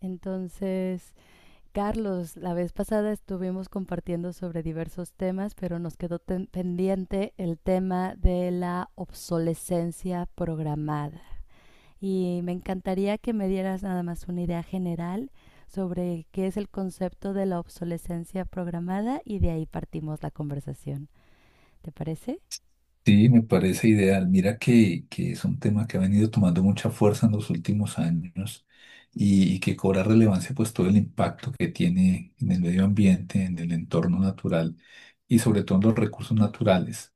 Entonces, Carlos, la vez pasada estuvimos compartiendo sobre diversos temas, pero nos quedó pendiente el tema de la obsolescencia programada. Y me encantaría que me dieras nada más una idea general sobre qué es el concepto de la obsolescencia programada y de ahí partimos la conversación. ¿Te parece? Sí, me parece ideal. Mira que es un tema que ha venido tomando mucha fuerza en los últimos años y que cobra relevancia pues todo el impacto que tiene en el medio ambiente, en el entorno natural y sobre todo en los recursos naturales.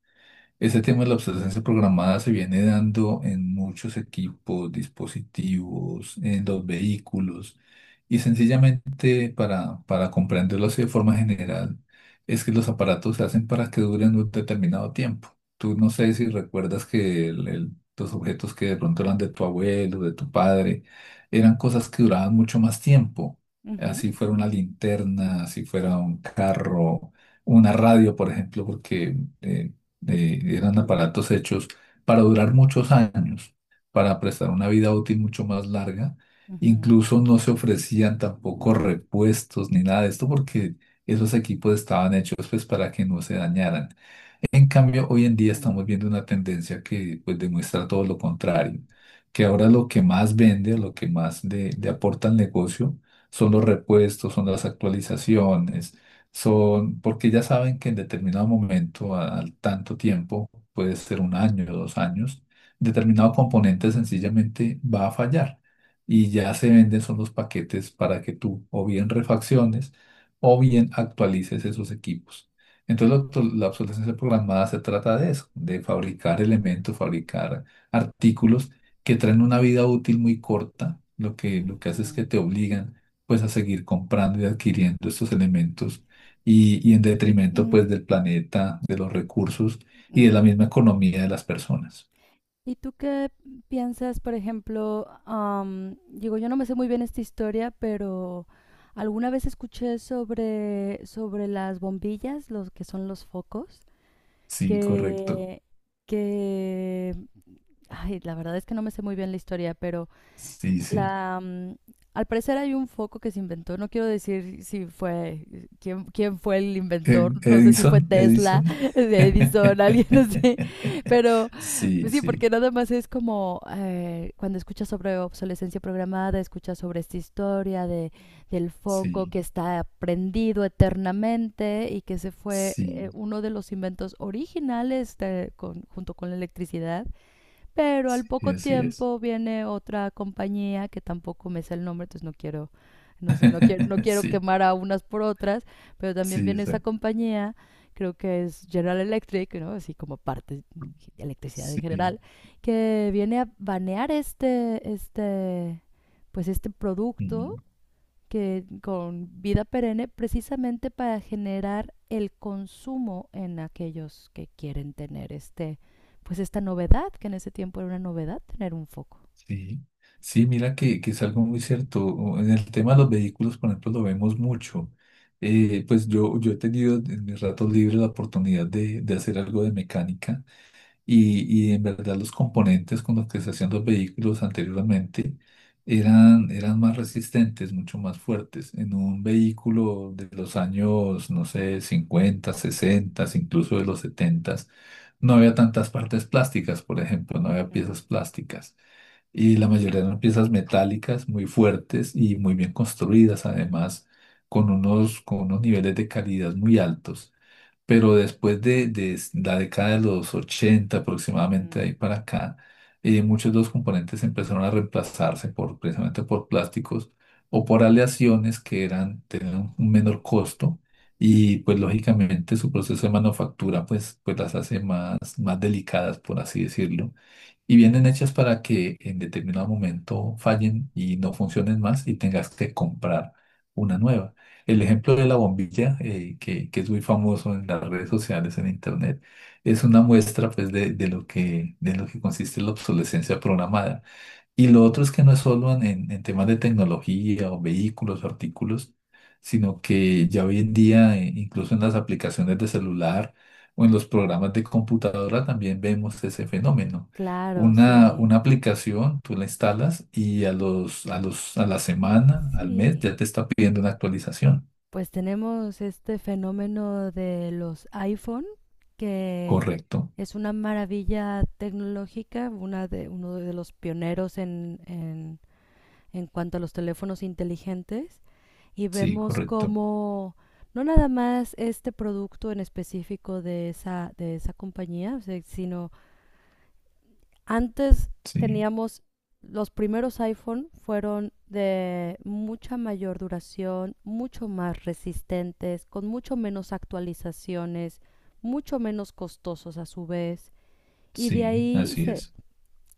Ese tema de la obsolescencia programada se viene dando en muchos equipos, dispositivos, en los vehículos y sencillamente para comprenderlo así de forma general es que los aparatos se hacen para que duren un determinado tiempo. Tú no sé si recuerdas que los objetos que de pronto eran de tu abuelo, de tu padre, eran cosas que duraban mucho más tiempo. Ujú, Así ujú, fuera una linterna, así fuera un carro, una radio, por ejemplo, porque... eh, eran aparatos hechos para durar muchos años, para prestar una vida útil mucho más larga. ujú, Incluso no se ofrecían tampoco repuestos ni nada de esto porque esos equipos estaban hechos pues para que no se dañaran. En cambio, hoy en día ujú, estamos viendo una tendencia que pues demuestra todo lo contrario, que ahora lo que más vende, lo que más le aporta al negocio son los repuestos, son las actualizaciones, son porque ya saben que en determinado momento, al tanto tiempo, puede ser un año o dos años, determinado componente sencillamente va a fallar y ya se venden son los paquetes para que tú o bien refacciones o bien actualices esos equipos. Entonces, la ujú, obsolescencia programada se trata de eso, de fabricar elementos, fabricar artículos que traen una vida útil muy corta. Lo que hace es ujú, que te obligan pues a seguir comprando y adquiriendo estos elementos y en detrimento pues ujú, del planeta, de los recursos y de mm, la misma ujú. economía de las personas. ¿Y tú qué piensas, por ejemplo, digo, yo no me sé muy bien esta historia, pero alguna vez escuché sobre las bombillas, los que son los focos, Sí, correcto. que, que, ay, la verdad es que no me sé muy bien la historia, pero Sí, sí. la, mm, al parecer hay un foco que se inventó. No quiero decir si fue, quién, quién fue el inventor. No sé si fue Edison, Tesla, Edison. Edison, alguien así, pero Sí, sí, sí, porque nada más es como cuando escuchas sobre obsolescencia programada, escuchas sobre esta historia del foco que sí, está prendido eternamente y que se fue sí, uno de los inventos originales junto con la electricidad. Pero al sí, poco así es. tiempo viene otra compañía que tampoco me sé el nombre, entonces no quiero, no sé, no quiero Sí, quemar a unas por otras, pero también sí, viene esta exacto. compañía, creo que es General Electric, ¿no? Así como parte de electricidad en Sí. general, que viene a banear pues este producto Ujú. que con vida perenne, precisamente para generar el consumo en aquellos que quieren tener este, pues esta novedad, que en ese tiempo era una novedad tener un foco. Sí, sí, mira que es algo muy cierto. O en el tema de los vehículos, por ejemplo, lo vemos mucho. Pues yo he tenido en mis ratos libres la oportunidad de hacer algo de mecánica y en verdad los componentes con los que se hacían los vehículos anteriormente eran más resistentes, mucho más fuertes. En un vehículo de los años, no sé, 50, 60, incluso de los 70, no había tantas partes plásticas, por ejemplo, no había Ujú, piezas plásticas y la mayoría eran piezas metálicas muy fuertes y muy bien construidas, además con unos niveles de calidad muy altos. Pero después de la década de los 80 aproximadamente, mm, ahí para acá, muchos de los componentes empezaron a reemplazarse precisamente por plásticos o por aleaciones que tenían un menor costo y pues lógicamente su proceso de manufactura pues las hace más delicadas, por así decirlo, y vienen hechas para que en determinado momento fallen y no funcionen más y tengas que comprar una nueva. El ejemplo de la bombilla, que es muy famoso en las redes sociales, en internet, es una ujú. muestra pues, de lo que, de lo que consiste la obsolescencia programada. Y lo otro es que no es solo en temas de tecnología o vehículos o artículos, sino que ya hoy en día, incluso en las aplicaciones de celular o en los programas de computadora, también vemos ese fenómeno. Claro, Una, sí. una aplicación, tú la instalas y a la semana, al mes, Sí, ya te está pidiendo una actualización. pues tenemos este fenómeno de los iPhone, que Correcto, es una maravilla tecnológica, una de, uno de los pioneros en cuanto a los teléfonos inteligentes, y sí, vemos correcto, cómo no nada más este producto en específico de esa compañía, o sea, sino antes sí, teníamos, los primeros iPhone fueron de mucha mayor duración, mucho más resistentes, con mucho menos actualizaciones, mucho menos costosos a su vez, y sí, así es.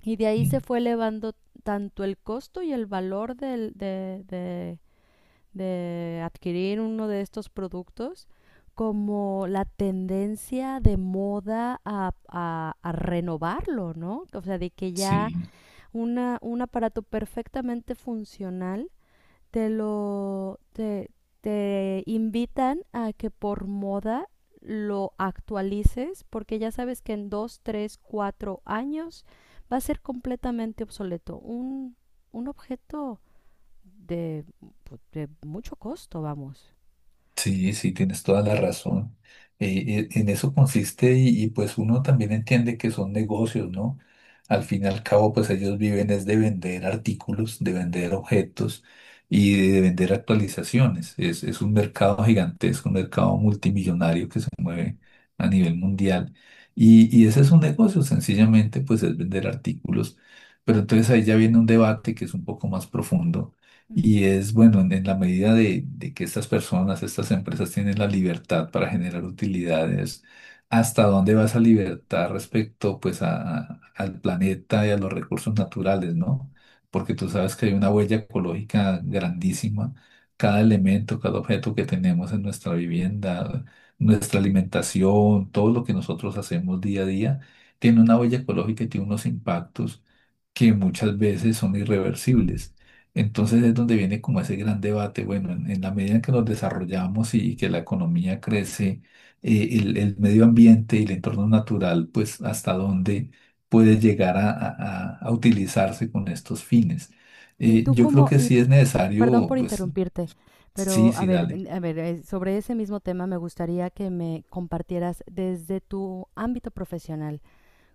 y de ahí se Mm, fue elevando tanto el costo y el valor del, de adquirir uno de estos productos, como la tendencia de moda a, a renovarlo, ¿no? O sea, de que ya sí. una, un aparato perfectamente funcional te lo te, te invitan a que por moda lo actualices, porque ya sabes que en dos, tres, cuatro años va a ser completamente obsoleto. Un objeto de, de mucho costo, vamos. Sí, sí, tienes toda la razón. En eso consiste y, pues uno también entiende que son negocios, ¿no? Al fin y al cabo, pues ellos viven es de vender artículos, de vender objetos y de vender actualizaciones. Es un mercado gigantesco, un mercado multimillonario que se mueve a nivel mundial. Y ese es un negocio, sencillamente, pues es vender artículos. Pero entonces ahí ya viene un debate que es un poco más profundo, y es bueno, en la medida de que estas personas, estas empresas tienen la libertad para generar utilidades, ¿hasta dónde va esa libertad respecto pues al planeta y a los recursos naturales, ¿no? Porque tú sabes que hay una huella ecológica grandísima. Cada elemento, cada objeto que tenemos en nuestra vivienda, nuestra alimentación, todo lo que nosotros hacemos día a día, tiene una huella ecológica y tiene unos impactos que muchas veces son irreversibles. Entonces es donde viene como ese gran debate. Bueno, en la medida en que nos desarrollamos que la economía crece, el medio ambiente y el entorno natural, pues hasta dónde puede llegar a utilizarse con estos fines. Y tú Yo creo como, que y sí es perdón necesario, por pues interrumpirte, sí, pero sí, dale. a ver, sobre ese mismo tema me gustaría que me compartieras desde tu ámbito profesional.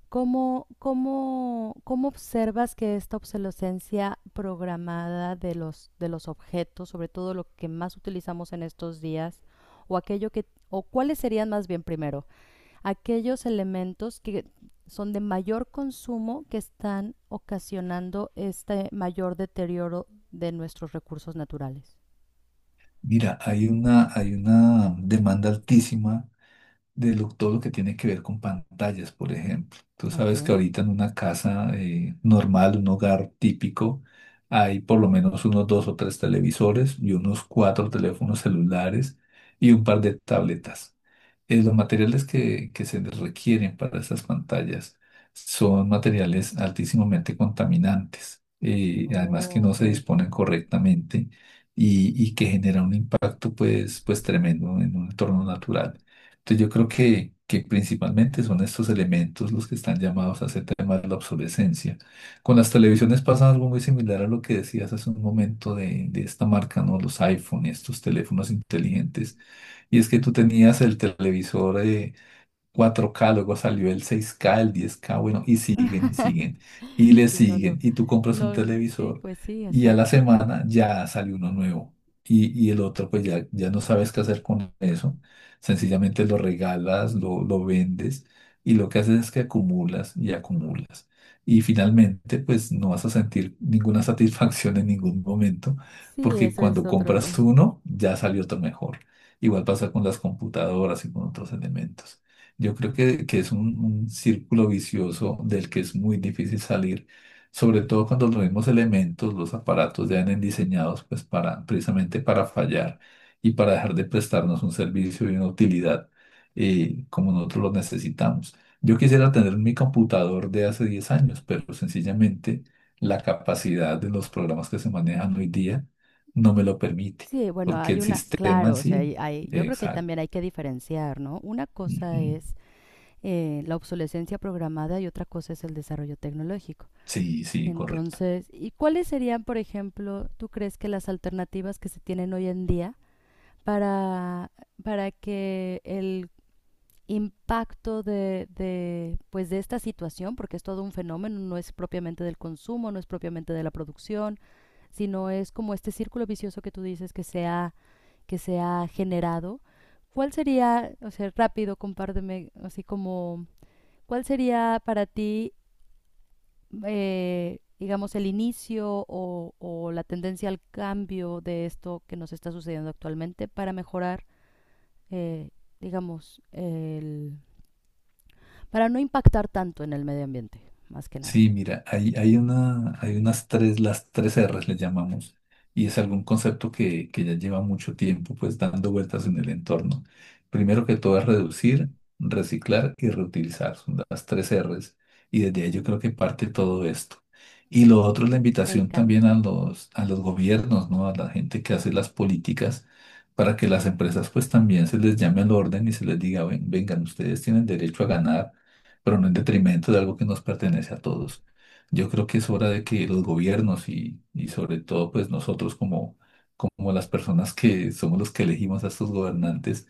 ¿Cómo, cómo, cómo observas que esta obsolescencia programada de los objetos, sobre todo lo que más utilizamos en estos días, o aquello que, o cuáles serían más bien primero, aquellos elementos que son de mayor consumo que están ocasionando este mayor deterioro de nuestros recursos naturales? Mira, hay, una, hay una demanda altísima de lo- todo lo que tiene que ver con pantallas, por ejemplo. Tú Ok. sabes que ahorita en una casa normal, un hogar típico, hay por lo menos unos dos o tres, televisores y unos cuatro teléfonos celulares y un par de tabletas los materiales que se requieren para esas pantallas son materiales altísimamente contaminantes, además que Oh, no ok. se disponen correctamente y que generan un impacto pues, pues tremendo en un entorno natural. Entonces yo creo que principalmente son estos elementos los que están llamados a ese tema de la obsolescencia. Con las televisiones pasa algo muy similar a lo que decías hace un momento de esta marca, ¿no? Los iPhone y estos teléfonos inteligentes, y es que tú tenías el televisor 4K, luego salió el 6K, el 10K, bueno, y siguen y siguen y le Sí, no, no. siguen, y tú compras un No, sí, televisor pues sí, y a la exacto. semana ya salió uno nuevo y el otro pues ya, ya no sabes qué hacer con eso, sencillamente lo regalas, lo vendes, y lo que haces es que acumulas y acumulas y finalmente pues no vas a sentir ninguna satisfacción en ningún momento Sí, porque eso es cuando otro, compras es. uno ya salió otro mejor. Igual pasa con las computadoras y con otros elementos. Yo creo que es un círculo vicioso del que es muy difícil salir, sobre todo cuando los mismos elementos, los aparatos ya vienen diseñados pues precisamente para fallar y para dejar de prestarnos un servicio y una utilidad como nosotros los necesitamos. Yo quisiera tener mi computador de hace 10 años, pero sencillamente la capacidad de los programas que se manejan hoy día no me lo permite, Sí, bueno, porque hay el una, sistema en claro, o sea, sí. hay, yo creo que Exacto. también hay que diferenciar, ¿no? Una cosa Ujú. es la obsolescencia programada y otra cosa es el desarrollo tecnológico. Sí, sí, correcto. Entonces, ¿y cuáles serían, por ejemplo, tú crees que las alternativas que se tienen hoy en día para, para que el impacto de, pues de esta situación, porque es todo un fenómeno, no es propiamente del consumo, no es propiamente de la producción, sino es como este círculo vicioso que tú dices que que se ha generado? ¿Cuál sería, o sea, rápido, compárteme, así como, cuál sería para ti, digamos, el inicio o la tendencia al cambio de esto que nos está sucediendo actualmente para mejorar, eh, digamos, el, para no impactar tanto en el medio ambiente, más que nada. Sí, mira, hay hay una, hay unas tres las tres R's le llamamos, y es algún concepto que ya lleva mucho tiempo pues, dando vueltas en el entorno Primero que todo es reducir, reciclar y reutilizar, son las tres R's, y desde ahí yo creo Mm, que, parte todo esto. Y lo otro es la me invitación encanta. también a los gobiernos, ¿no? A la gente que hace las políticas, para que las empresas pues también se les llame al orden y se les diga, "Ven- vengan, ustedes tienen derecho a ganar pero no en detrimento de algo que nos pertenece a todos. Yo creo que es hora de que los gobiernos y sobre todo pues nosotros como, como las personas que somos los que elegimos a estos gobernantes,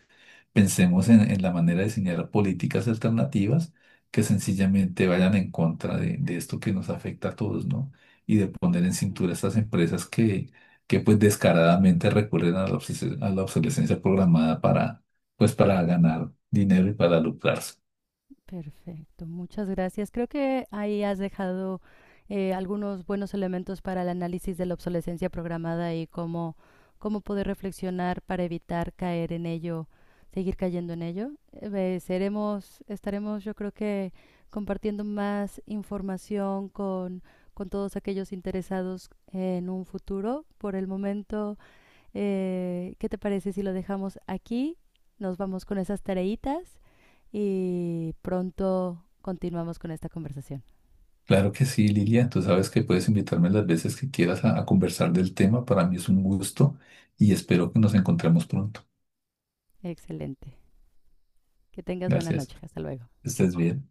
pensemos en la manera de diseñar políticas alternativas que sencillamente vayan en contra de esto que nos afecta a todos, ¿no? Y de poner en cintura a estas empresas que pues descaradamente recurren a la obses- a la obsolescencia. Programada para, pues para ganar dinero y para lucrarse. Perfecto, muchas gracias. Creo que ahí has dejado algunos buenos elementos para el análisis de la obsolescencia programada y cómo, cómo poder reflexionar para evitar caer en ello, seguir cayendo en ello. Seremos, estaremos, yo creo que compartiendo más información con todos aquellos interesados en un futuro. Por el momento, ¿qué te parece si lo dejamos aquí? Nos vamos con esas tareitas y pronto continuamos con esta conversación. Claro que sí, Lilia. Tú sabes que puedes invitarme las veces que quieras a conversar del tema. Para mí es un gusto y espero que nos encontremos pronto. Excelente. Que tengas buena Gracias. noche. Hasta luego. Estés bien.